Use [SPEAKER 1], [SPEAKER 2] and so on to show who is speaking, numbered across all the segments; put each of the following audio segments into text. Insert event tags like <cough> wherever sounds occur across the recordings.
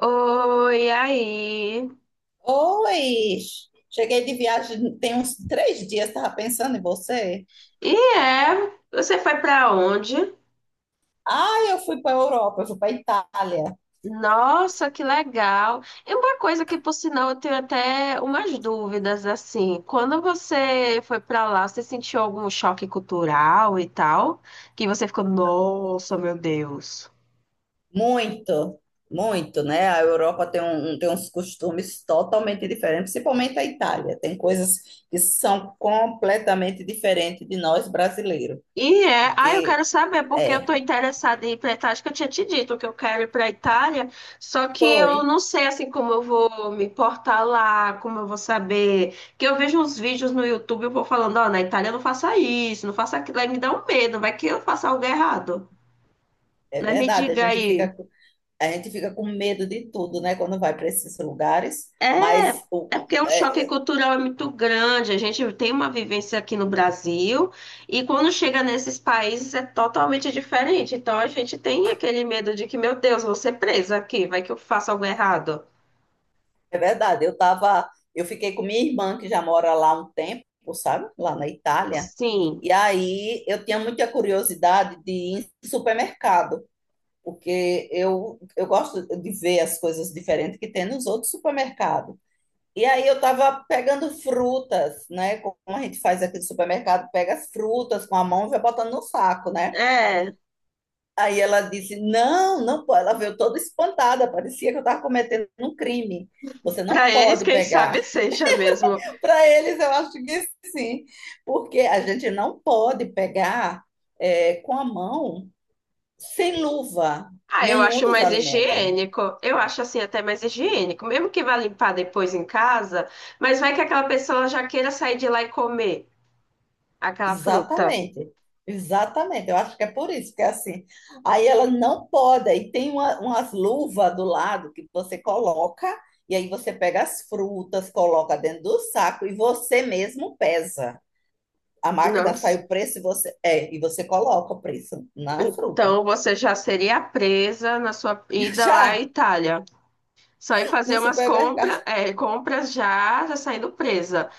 [SPEAKER 1] Oi, aí.
[SPEAKER 2] Oi! Cheguei de viagem tem uns 3 dias, estava pensando em você.
[SPEAKER 1] E é, você foi pra onde?
[SPEAKER 2] Ah, eu fui para a Europa, eu fui para a Itália.
[SPEAKER 1] Nossa, que legal. E uma coisa que, por sinal, eu tenho até umas dúvidas assim. Quando você foi pra lá, você sentiu algum choque cultural e tal? Que você ficou, nossa, meu Deus.
[SPEAKER 2] Muito, muito, né? A Europa tem uns costumes totalmente diferentes, principalmente a Itália. Tem coisas que são completamente diferentes de nós brasileiros.
[SPEAKER 1] E é, ah, eu
[SPEAKER 2] Porque
[SPEAKER 1] quero saber, porque
[SPEAKER 2] é,
[SPEAKER 1] eu estou interessada em ir para Itália. Acho que eu tinha te dito que eu quero ir para a Itália, só que eu
[SPEAKER 2] foi,
[SPEAKER 1] não sei assim como eu vou me portar lá, como eu vou saber. Que eu vejo uns vídeos no YouTube, eu vou falando, ó, na Itália não faça isso, não faça aquilo, aí me dá um medo, vai que eu faça algo errado,
[SPEAKER 2] é
[SPEAKER 1] né? Me
[SPEAKER 2] verdade.
[SPEAKER 1] diga aí.
[SPEAKER 2] A gente fica com medo de tudo, né? Quando vai para esses lugares. Mas
[SPEAKER 1] É porque o choque
[SPEAKER 2] é.
[SPEAKER 1] cultural é muito grande. A gente tem uma vivência aqui no Brasil e quando chega nesses países é totalmente diferente. Então a gente tem aquele medo de que, meu Deus, vou ser presa aqui, vai que eu faço algo errado.
[SPEAKER 2] É verdade, eu fiquei com minha irmã que já mora lá há um tempo, sabe? Lá na Itália.
[SPEAKER 1] Sim,
[SPEAKER 2] E aí eu tinha muita curiosidade de ir em supermercado, porque eu gosto de ver as coisas diferentes que tem nos outros supermercados. E aí eu estava pegando frutas, né? Como a gente faz aqui no supermercado, pega as frutas com a mão e vai botando no saco, né?
[SPEAKER 1] é.
[SPEAKER 2] Aí ela disse: "Não, não pode". Ela veio toda espantada, parecia que eu estava cometendo um crime. Você
[SPEAKER 1] Para
[SPEAKER 2] não
[SPEAKER 1] eles,
[SPEAKER 2] pode
[SPEAKER 1] quem sabe
[SPEAKER 2] pegar.
[SPEAKER 1] seja mesmo.
[SPEAKER 2] Para eles, eu acho que sim, porque a gente não pode pegar com a mão, sem luva,
[SPEAKER 1] Ah, eu
[SPEAKER 2] nenhum
[SPEAKER 1] acho
[SPEAKER 2] dos
[SPEAKER 1] mais
[SPEAKER 2] alimentos.
[SPEAKER 1] higiênico. Eu acho assim até mais higiênico, mesmo que vá limpar depois em casa, mas vai que aquela pessoa já queira sair de lá e comer aquela fruta.
[SPEAKER 2] Exatamente, exatamente. Eu acho que é por isso que é assim. Aí ela não pode, e tem umas luvas do lado que você coloca, e aí você pega as frutas, coloca dentro do saco e você mesmo pesa. A
[SPEAKER 1] Não.
[SPEAKER 2] máquina sai o preço e você coloca o preço na fruta.
[SPEAKER 1] Então você já seria presa na sua
[SPEAKER 2] <laughs>
[SPEAKER 1] ida lá à
[SPEAKER 2] Já
[SPEAKER 1] Itália. Só ir
[SPEAKER 2] no
[SPEAKER 1] fazer umas
[SPEAKER 2] supermercado.
[SPEAKER 1] compras, é, compras já, já saindo presa.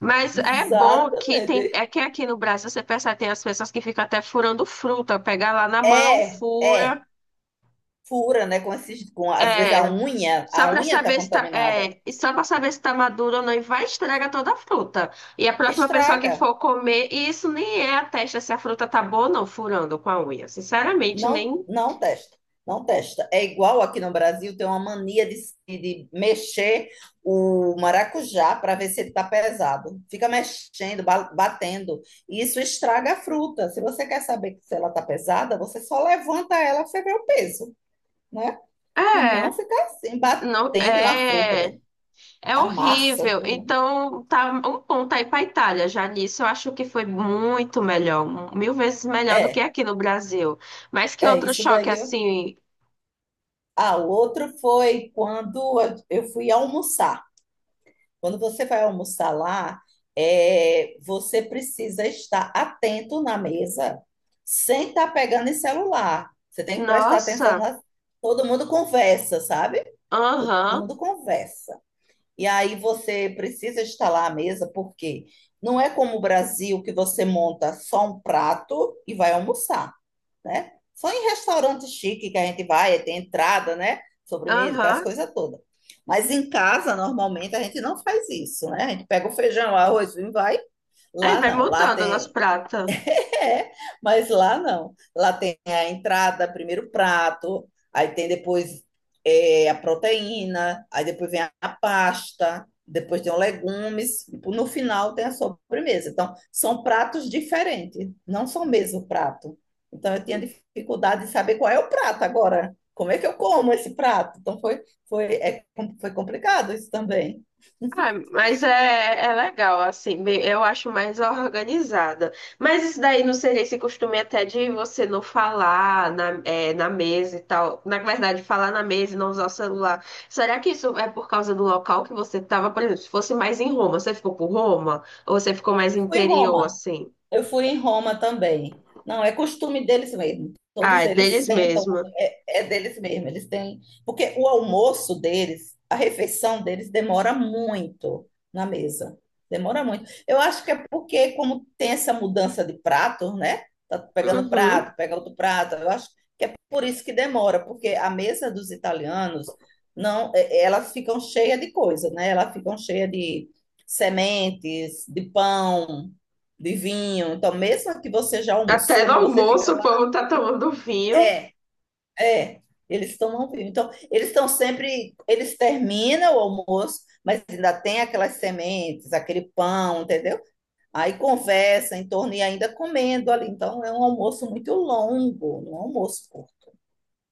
[SPEAKER 1] Mas é bom que tem,
[SPEAKER 2] Exatamente.
[SPEAKER 1] é que aqui no Brasil você percebe tem as pessoas que ficam até furando fruta, pegar lá na mão,
[SPEAKER 2] É, é.
[SPEAKER 1] fura,
[SPEAKER 2] Fura, né? Às vezes a
[SPEAKER 1] é,
[SPEAKER 2] unha,
[SPEAKER 1] só
[SPEAKER 2] a
[SPEAKER 1] para
[SPEAKER 2] unha tá
[SPEAKER 1] saber se tá,
[SPEAKER 2] contaminada.
[SPEAKER 1] é, e só para saber se tá madura ou não e vai estragar toda a fruta. E a próxima pessoa que
[SPEAKER 2] Estraga.
[SPEAKER 1] for comer, e isso nem é a testa se a fruta tá boa ou não, furando com a unha. Sinceramente,
[SPEAKER 2] Não,
[SPEAKER 1] nem
[SPEAKER 2] não testa. Não testa. É igual aqui no Brasil, tem uma mania de mexer o maracujá para ver se ele está pesado. Fica mexendo, batendo. E isso estraga a fruta. Se você quer saber se ela está pesada, você só levanta ela para você ver o peso, né? E não
[SPEAKER 1] é.
[SPEAKER 2] ficar assim,
[SPEAKER 1] Não,
[SPEAKER 2] batendo na fruta.
[SPEAKER 1] é, é
[SPEAKER 2] Amassa
[SPEAKER 1] horrível.
[SPEAKER 2] tudo.
[SPEAKER 1] Então, tá um ponto aí para Itália já nisso. Eu acho que foi muito melhor, mil vezes melhor do que
[SPEAKER 2] É,
[SPEAKER 1] aqui no Brasil. Mas que
[SPEAKER 2] é
[SPEAKER 1] outro
[SPEAKER 2] isso
[SPEAKER 1] choque
[SPEAKER 2] daí.
[SPEAKER 1] assim,
[SPEAKER 2] Ah, o outro foi quando eu fui almoçar. Quando você vai almoçar lá, você precisa estar atento na mesa, sem estar pegando em celular. Você tem que prestar atenção
[SPEAKER 1] nossa,
[SPEAKER 2] na... Todo mundo conversa, sabe? Todo
[SPEAKER 1] aham,
[SPEAKER 2] mundo conversa. E aí você precisa estar lá à mesa, porque não é como o Brasil que você monta só um prato e vai almoçar, né? Só em restaurante chique que a gente vai, aí tem entrada, né? Sobremesa, aquelas
[SPEAKER 1] aham.
[SPEAKER 2] coisas todas. Mas em casa, normalmente, a gente não faz isso, né? A gente pega o feijão, arroz, e vai.
[SPEAKER 1] É,
[SPEAKER 2] Lá
[SPEAKER 1] vai
[SPEAKER 2] não, lá
[SPEAKER 1] mudando o nosso
[SPEAKER 2] tem
[SPEAKER 1] prato.
[SPEAKER 2] <laughs> é, mas lá não. Lá tem a entrada, primeiro o prato, aí tem depois a proteína, aí depois vem a pasta, depois tem os legumes, e no final tem a sobremesa. Então, são pratos diferentes, não são o mesmo prato. Então, eu tinha dificuldade de saber qual é o prato agora. Como é que eu como esse prato? Então, foi, é, foi complicado isso também.
[SPEAKER 1] Ah, mas é, é legal, assim, bem- eu acho mais organizada. Mas isso daí não seria esse costume até de você não falar na, é, na mesa e tal. Na verdade, falar na mesa e não usar o celular. Será que isso é por causa do local que você estava, por exemplo, se fosse mais em Roma, você ficou por Roma? Ou você ficou mais
[SPEAKER 2] Fui em
[SPEAKER 1] interior,
[SPEAKER 2] Roma.
[SPEAKER 1] assim?
[SPEAKER 2] Eu fui em Roma também. Não, é costume deles mesmo.
[SPEAKER 1] Ah,
[SPEAKER 2] Todos
[SPEAKER 1] é
[SPEAKER 2] eles
[SPEAKER 1] deles
[SPEAKER 2] sentam,
[SPEAKER 1] mesmo.
[SPEAKER 2] é deles mesmo. Eles têm. Porque o almoço deles, a refeição deles, demora muito na mesa. Demora muito. Eu acho que é porque, como tem essa mudança de pratos, né? Tá pegando
[SPEAKER 1] Uhum.
[SPEAKER 2] prato, pega outro prato. Eu acho que é por isso que demora, porque a mesa dos italianos, não, elas ficam cheias de coisa, né? Elas ficam cheias de sementes, de pão, de vinho. Então, mesmo que você já
[SPEAKER 1] Até
[SPEAKER 2] almoçou,
[SPEAKER 1] no
[SPEAKER 2] mas você
[SPEAKER 1] almoço
[SPEAKER 2] fica
[SPEAKER 1] o
[SPEAKER 2] lá,
[SPEAKER 1] povo tá tomando vinho.
[SPEAKER 2] é, é. Eles tomam vinho. Então, eles estão sempre, eles terminam o almoço, mas ainda tem aquelas sementes, aquele pão, entendeu? Aí conversa em torno e ainda comendo ali. Então, é um almoço muito longo, não é um almoço curto,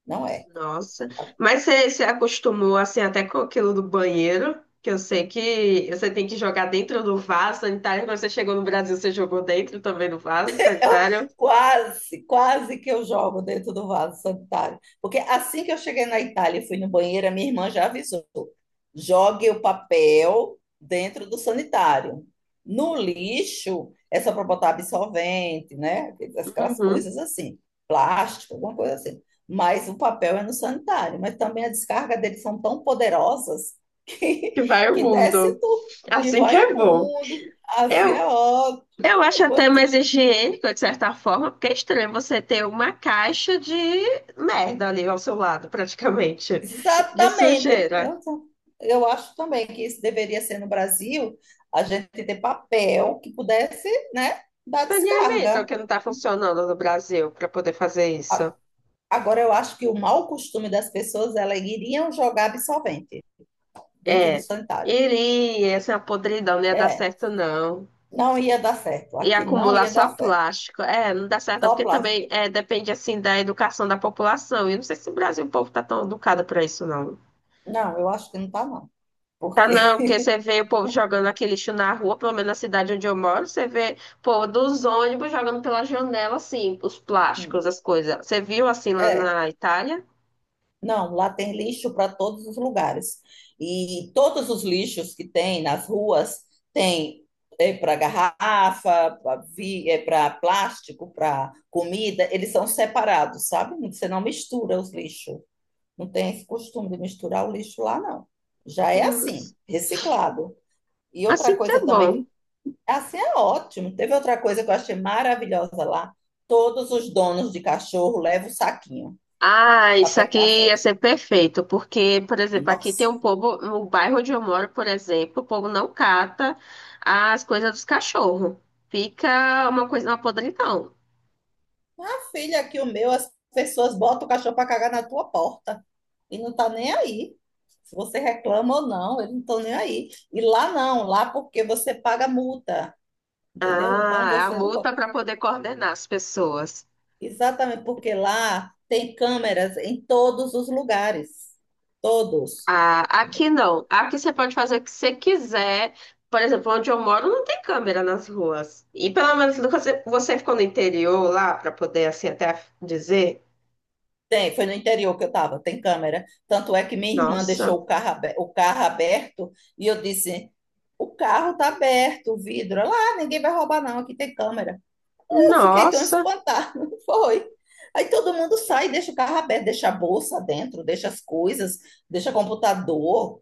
[SPEAKER 2] não é.
[SPEAKER 1] Nossa. Mas você se acostumou assim até com aquilo do banheiro, que eu sei que você tem que jogar dentro do vaso sanitário. Quando você chegou no Brasil, você jogou dentro também do vaso
[SPEAKER 2] Eu-
[SPEAKER 1] sanitário.
[SPEAKER 2] quase, quase que eu jogo dentro do vaso sanitário. Porque assim que eu cheguei na Itália e fui no banheiro, a minha irmã já avisou: jogue o papel dentro do sanitário. No lixo, é só para botar absorvente, né? Aquelas
[SPEAKER 1] Uhum.
[SPEAKER 2] coisas assim, plástico, alguma coisa assim. Mas o papel é no sanitário. Mas também a descarga deles são tão poderosas <laughs> que,
[SPEAKER 1] Que vai o
[SPEAKER 2] que desce
[SPEAKER 1] mundo.
[SPEAKER 2] tudo, que
[SPEAKER 1] Assim que
[SPEAKER 2] vai
[SPEAKER 1] é
[SPEAKER 2] o
[SPEAKER 1] bom.
[SPEAKER 2] mundo. Assim é
[SPEAKER 1] Eu,
[SPEAKER 2] ótimo.
[SPEAKER 1] eu acho até mais
[SPEAKER 2] <laughs>
[SPEAKER 1] higiênico, de certa forma, porque é estranho você ter uma caixa de merda ali ao seu lado, praticamente, de
[SPEAKER 2] Exatamente.
[SPEAKER 1] sujeira.
[SPEAKER 2] Eu acho também que isso deveria ser no Brasil, a gente ter papel que pudesse, né, dar
[SPEAKER 1] Saneamento,
[SPEAKER 2] descarga.
[SPEAKER 1] que não está funcionando no Brasil para poder fazer isso.
[SPEAKER 2] A- Agora, eu acho que o mau costume das pessoas, elas iriam jogar absorvente dentro do
[SPEAKER 1] É,
[SPEAKER 2] sanitário.
[SPEAKER 1] iria, essa podridão não ia dar
[SPEAKER 2] É,
[SPEAKER 1] certo, não.
[SPEAKER 2] não ia dar certo.
[SPEAKER 1] E
[SPEAKER 2] Aqui não
[SPEAKER 1] acumular
[SPEAKER 2] ia
[SPEAKER 1] só
[SPEAKER 2] dar certo.
[SPEAKER 1] plástico. É, não dá certo, não,
[SPEAKER 2] Só
[SPEAKER 1] porque
[SPEAKER 2] plástico.
[SPEAKER 1] também é, depende, assim, da educação da população. E eu não sei se no Brasil, o povo tá tão educado pra isso, não.
[SPEAKER 2] Não, eu acho que não tá, não.
[SPEAKER 1] Tá,
[SPEAKER 2] Porque,
[SPEAKER 1] não, porque você vê o povo jogando aquele lixo na rua, pelo menos na cidade onde eu moro, você vê, pô, dos ônibus jogando pela janela, assim, os plásticos, as
[SPEAKER 2] <laughs>
[SPEAKER 1] coisas. Você viu, assim, lá
[SPEAKER 2] é.
[SPEAKER 1] na Itália?
[SPEAKER 2] Não, lá tem lixo para todos os lugares. E todos os lixos que tem nas ruas tem é para garrafa, para plástico, para comida, eles são separados, sabe? Você não mistura os lixos. Não tem esse costume de misturar o lixo lá, não. Já é
[SPEAKER 1] Hum,
[SPEAKER 2] assim, reciclado. E outra
[SPEAKER 1] assim que é
[SPEAKER 2] coisa
[SPEAKER 1] bom.
[SPEAKER 2] também, assim é ótimo. Teve outra coisa que eu achei maravilhosa lá. Todos os donos de cachorro levam o saquinho
[SPEAKER 1] Ah,
[SPEAKER 2] para
[SPEAKER 1] isso aqui
[SPEAKER 2] pegar a
[SPEAKER 1] ia
[SPEAKER 2] fezes.
[SPEAKER 1] ser perfeito, porque, por exemplo, aqui tem
[SPEAKER 2] Nossa!
[SPEAKER 1] um povo, no bairro onde eu moro, por exemplo, o povo não cata as coisas dos cachorros. Fica uma coisa, uma podridão.
[SPEAKER 2] Filha, aqui, o meu, as pessoas botam o cachorro para cagar na tua porta e não tá nem aí. Se você reclama ou não, eles não estão nem aí. E lá não, lá porque você paga multa, entendeu? Então
[SPEAKER 1] Ah, a
[SPEAKER 2] você não pode.
[SPEAKER 1] multa para poder coordenar as pessoas.
[SPEAKER 2] Exatamente, porque lá tem câmeras em todos os lugares. Todos.
[SPEAKER 1] Ah, aqui não. Aqui você pode fazer o que você quiser. Por exemplo, onde eu moro não tem câmera nas ruas. E pelo menos você ficou no interior lá para poder assim até dizer,
[SPEAKER 2] Tem, foi no interior que eu estava, tem câmera. Tanto é que minha irmã
[SPEAKER 1] nossa,
[SPEAKER 2] deixou o carro aberto e eu disse: o carro está aberto, o vidro. Lá, ninguém vai roubar, não, aqui tem câmera. Eu fiquei tão
[SPEAKER 1] nossa.
[SPEAKER 2] espantada, <laughs> foi. Aí todo mundo sai, deixa o carro aberto, deixa a bolsa dentro, deixa as coisas, deixa computador.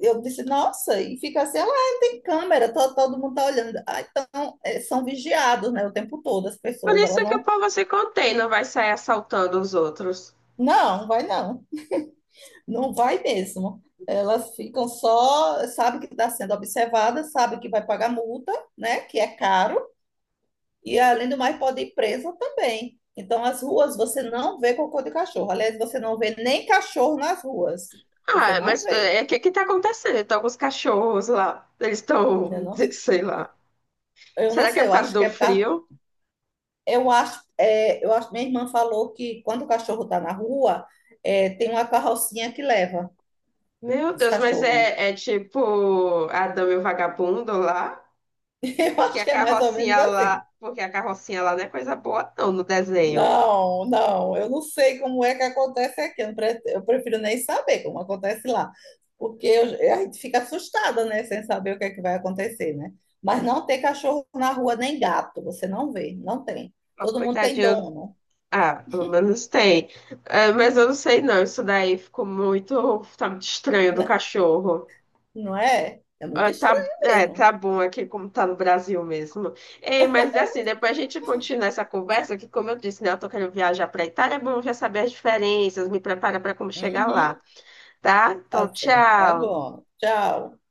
[SPEAKER 2] Eu disse, nossa, e fica assim, ah, não tem câmera, todo mundo tá olhando. Ah, então, são vigiados, né, o tempo todo, as
[SPEAKER 1] Por
[SPEAKER 2] pessoas, elas
[SPEAKER 1] isso que o
[SPEAKER 2] não,
[SPEAKER 1] povo se contém, não vai sair assaltando os outros.
[SPEAKER 2] não, vai não, não vai mesmo. Elas ficam só, sabe que está sendo observada, sabe que vai pagar multa, né, que é caro. E além do mais, pode ir presa também. Então, as ruas você não vê cocô de cachorro. Aliás, você não vê nem cachorro nas ruas. Você
[SPEAKER 1] Ah,
[SPEAKER 2] não
[SPEAKER 1] mas
[SPEAKER 2] vê.
[SPEAKER 1] é, o que que tá acontecendo? Estão com os cachorros lá. Eles
[SPEAKER 2] Eu
[SPEAKER 1] estão,
[SPEAKER 2] não,
[SPEAKER 1] <laughs> sei lá.
[SPEAKER 2] eu não
[SPEAKER 1] Será que é
[SPEAKER 2] sei,
[SPEAKER 1] por
[SPEAKER 2] eu
[SPEAKER 1] causa
[SPEAKER 2] acho que
[SPEAKER 1] do
[SPEAKER 2] é por causa.
[SPEAKER 1] frio?
[SPEAKER 2] Eu acho, minha irmã falou que quando o cachorro está na rua, tem uma carrocinha que leva
[SPEAKER 1] Meu
[SPEAKER 2] os
[SPEAKER 1] Deus, mas
[SPEAKER 2] cachorros.
[SPEAKER 1] é, é tipo Adão e o Vagabundo lá?
[SPEAKER 2] <laughs> Eu
[SPEAKER 1] Que
[SPEAKER 2] acho
[SPEAKER 1] a
[SPEAKER 2] que é mais ou menos
[SPEAKER 1] carrocinha lá.
[SPEAKER 2] assim.
[SPEAKER 1] Porque a carrocinha lá não é coisa boa, não, no desenho.
[SPEAKER 2] Não, não, eu não sei como é que acontece aqui. Eu prefiro nem saber como acontece lá, porque a gente fica assustada, né, sem saber o que é que vai acontecer, né? Mas não tem cachorro na rua nem gato, você não vê, não tem.
[SPEAKER 1] Nossa,
[SPEAKER 2] Todo mundo tem
[SPEAKER 1] coitadinho.
[SPEAKER 2] dono,
[SPEAKER 1] Ah, pelo menos tem. É, mas eu não sei, não. Isso daí ficou muito. Tá muito estranho do
[SPEAKER 2] né?
[SPEAKER 1] cachorro.
[SPEAKER 2] Não é? É muito
[SPEAKER 1] Ah, tá,
[SPEAKER 2] estranho
[SPEAKER 1] é,
[SPEAKER 2] mesmo.
[SPEAKER 1] tá bom aqui como tá no Brasil mesmo. Ei, mas é assim, depois a gente continua essa conversa, que como eu disse, né, eu tô querendo viajar para Itália, é bom já saber as diferenças, me prepara para como chegar lá,
[SPEAKER 2] Uhum,
[SPEAKER 1] tá? Então,
[SPEAKER 2] tá certo, tá
[SPEAKER 1] tchau.
[SPEAKER 2] bom. Tchau.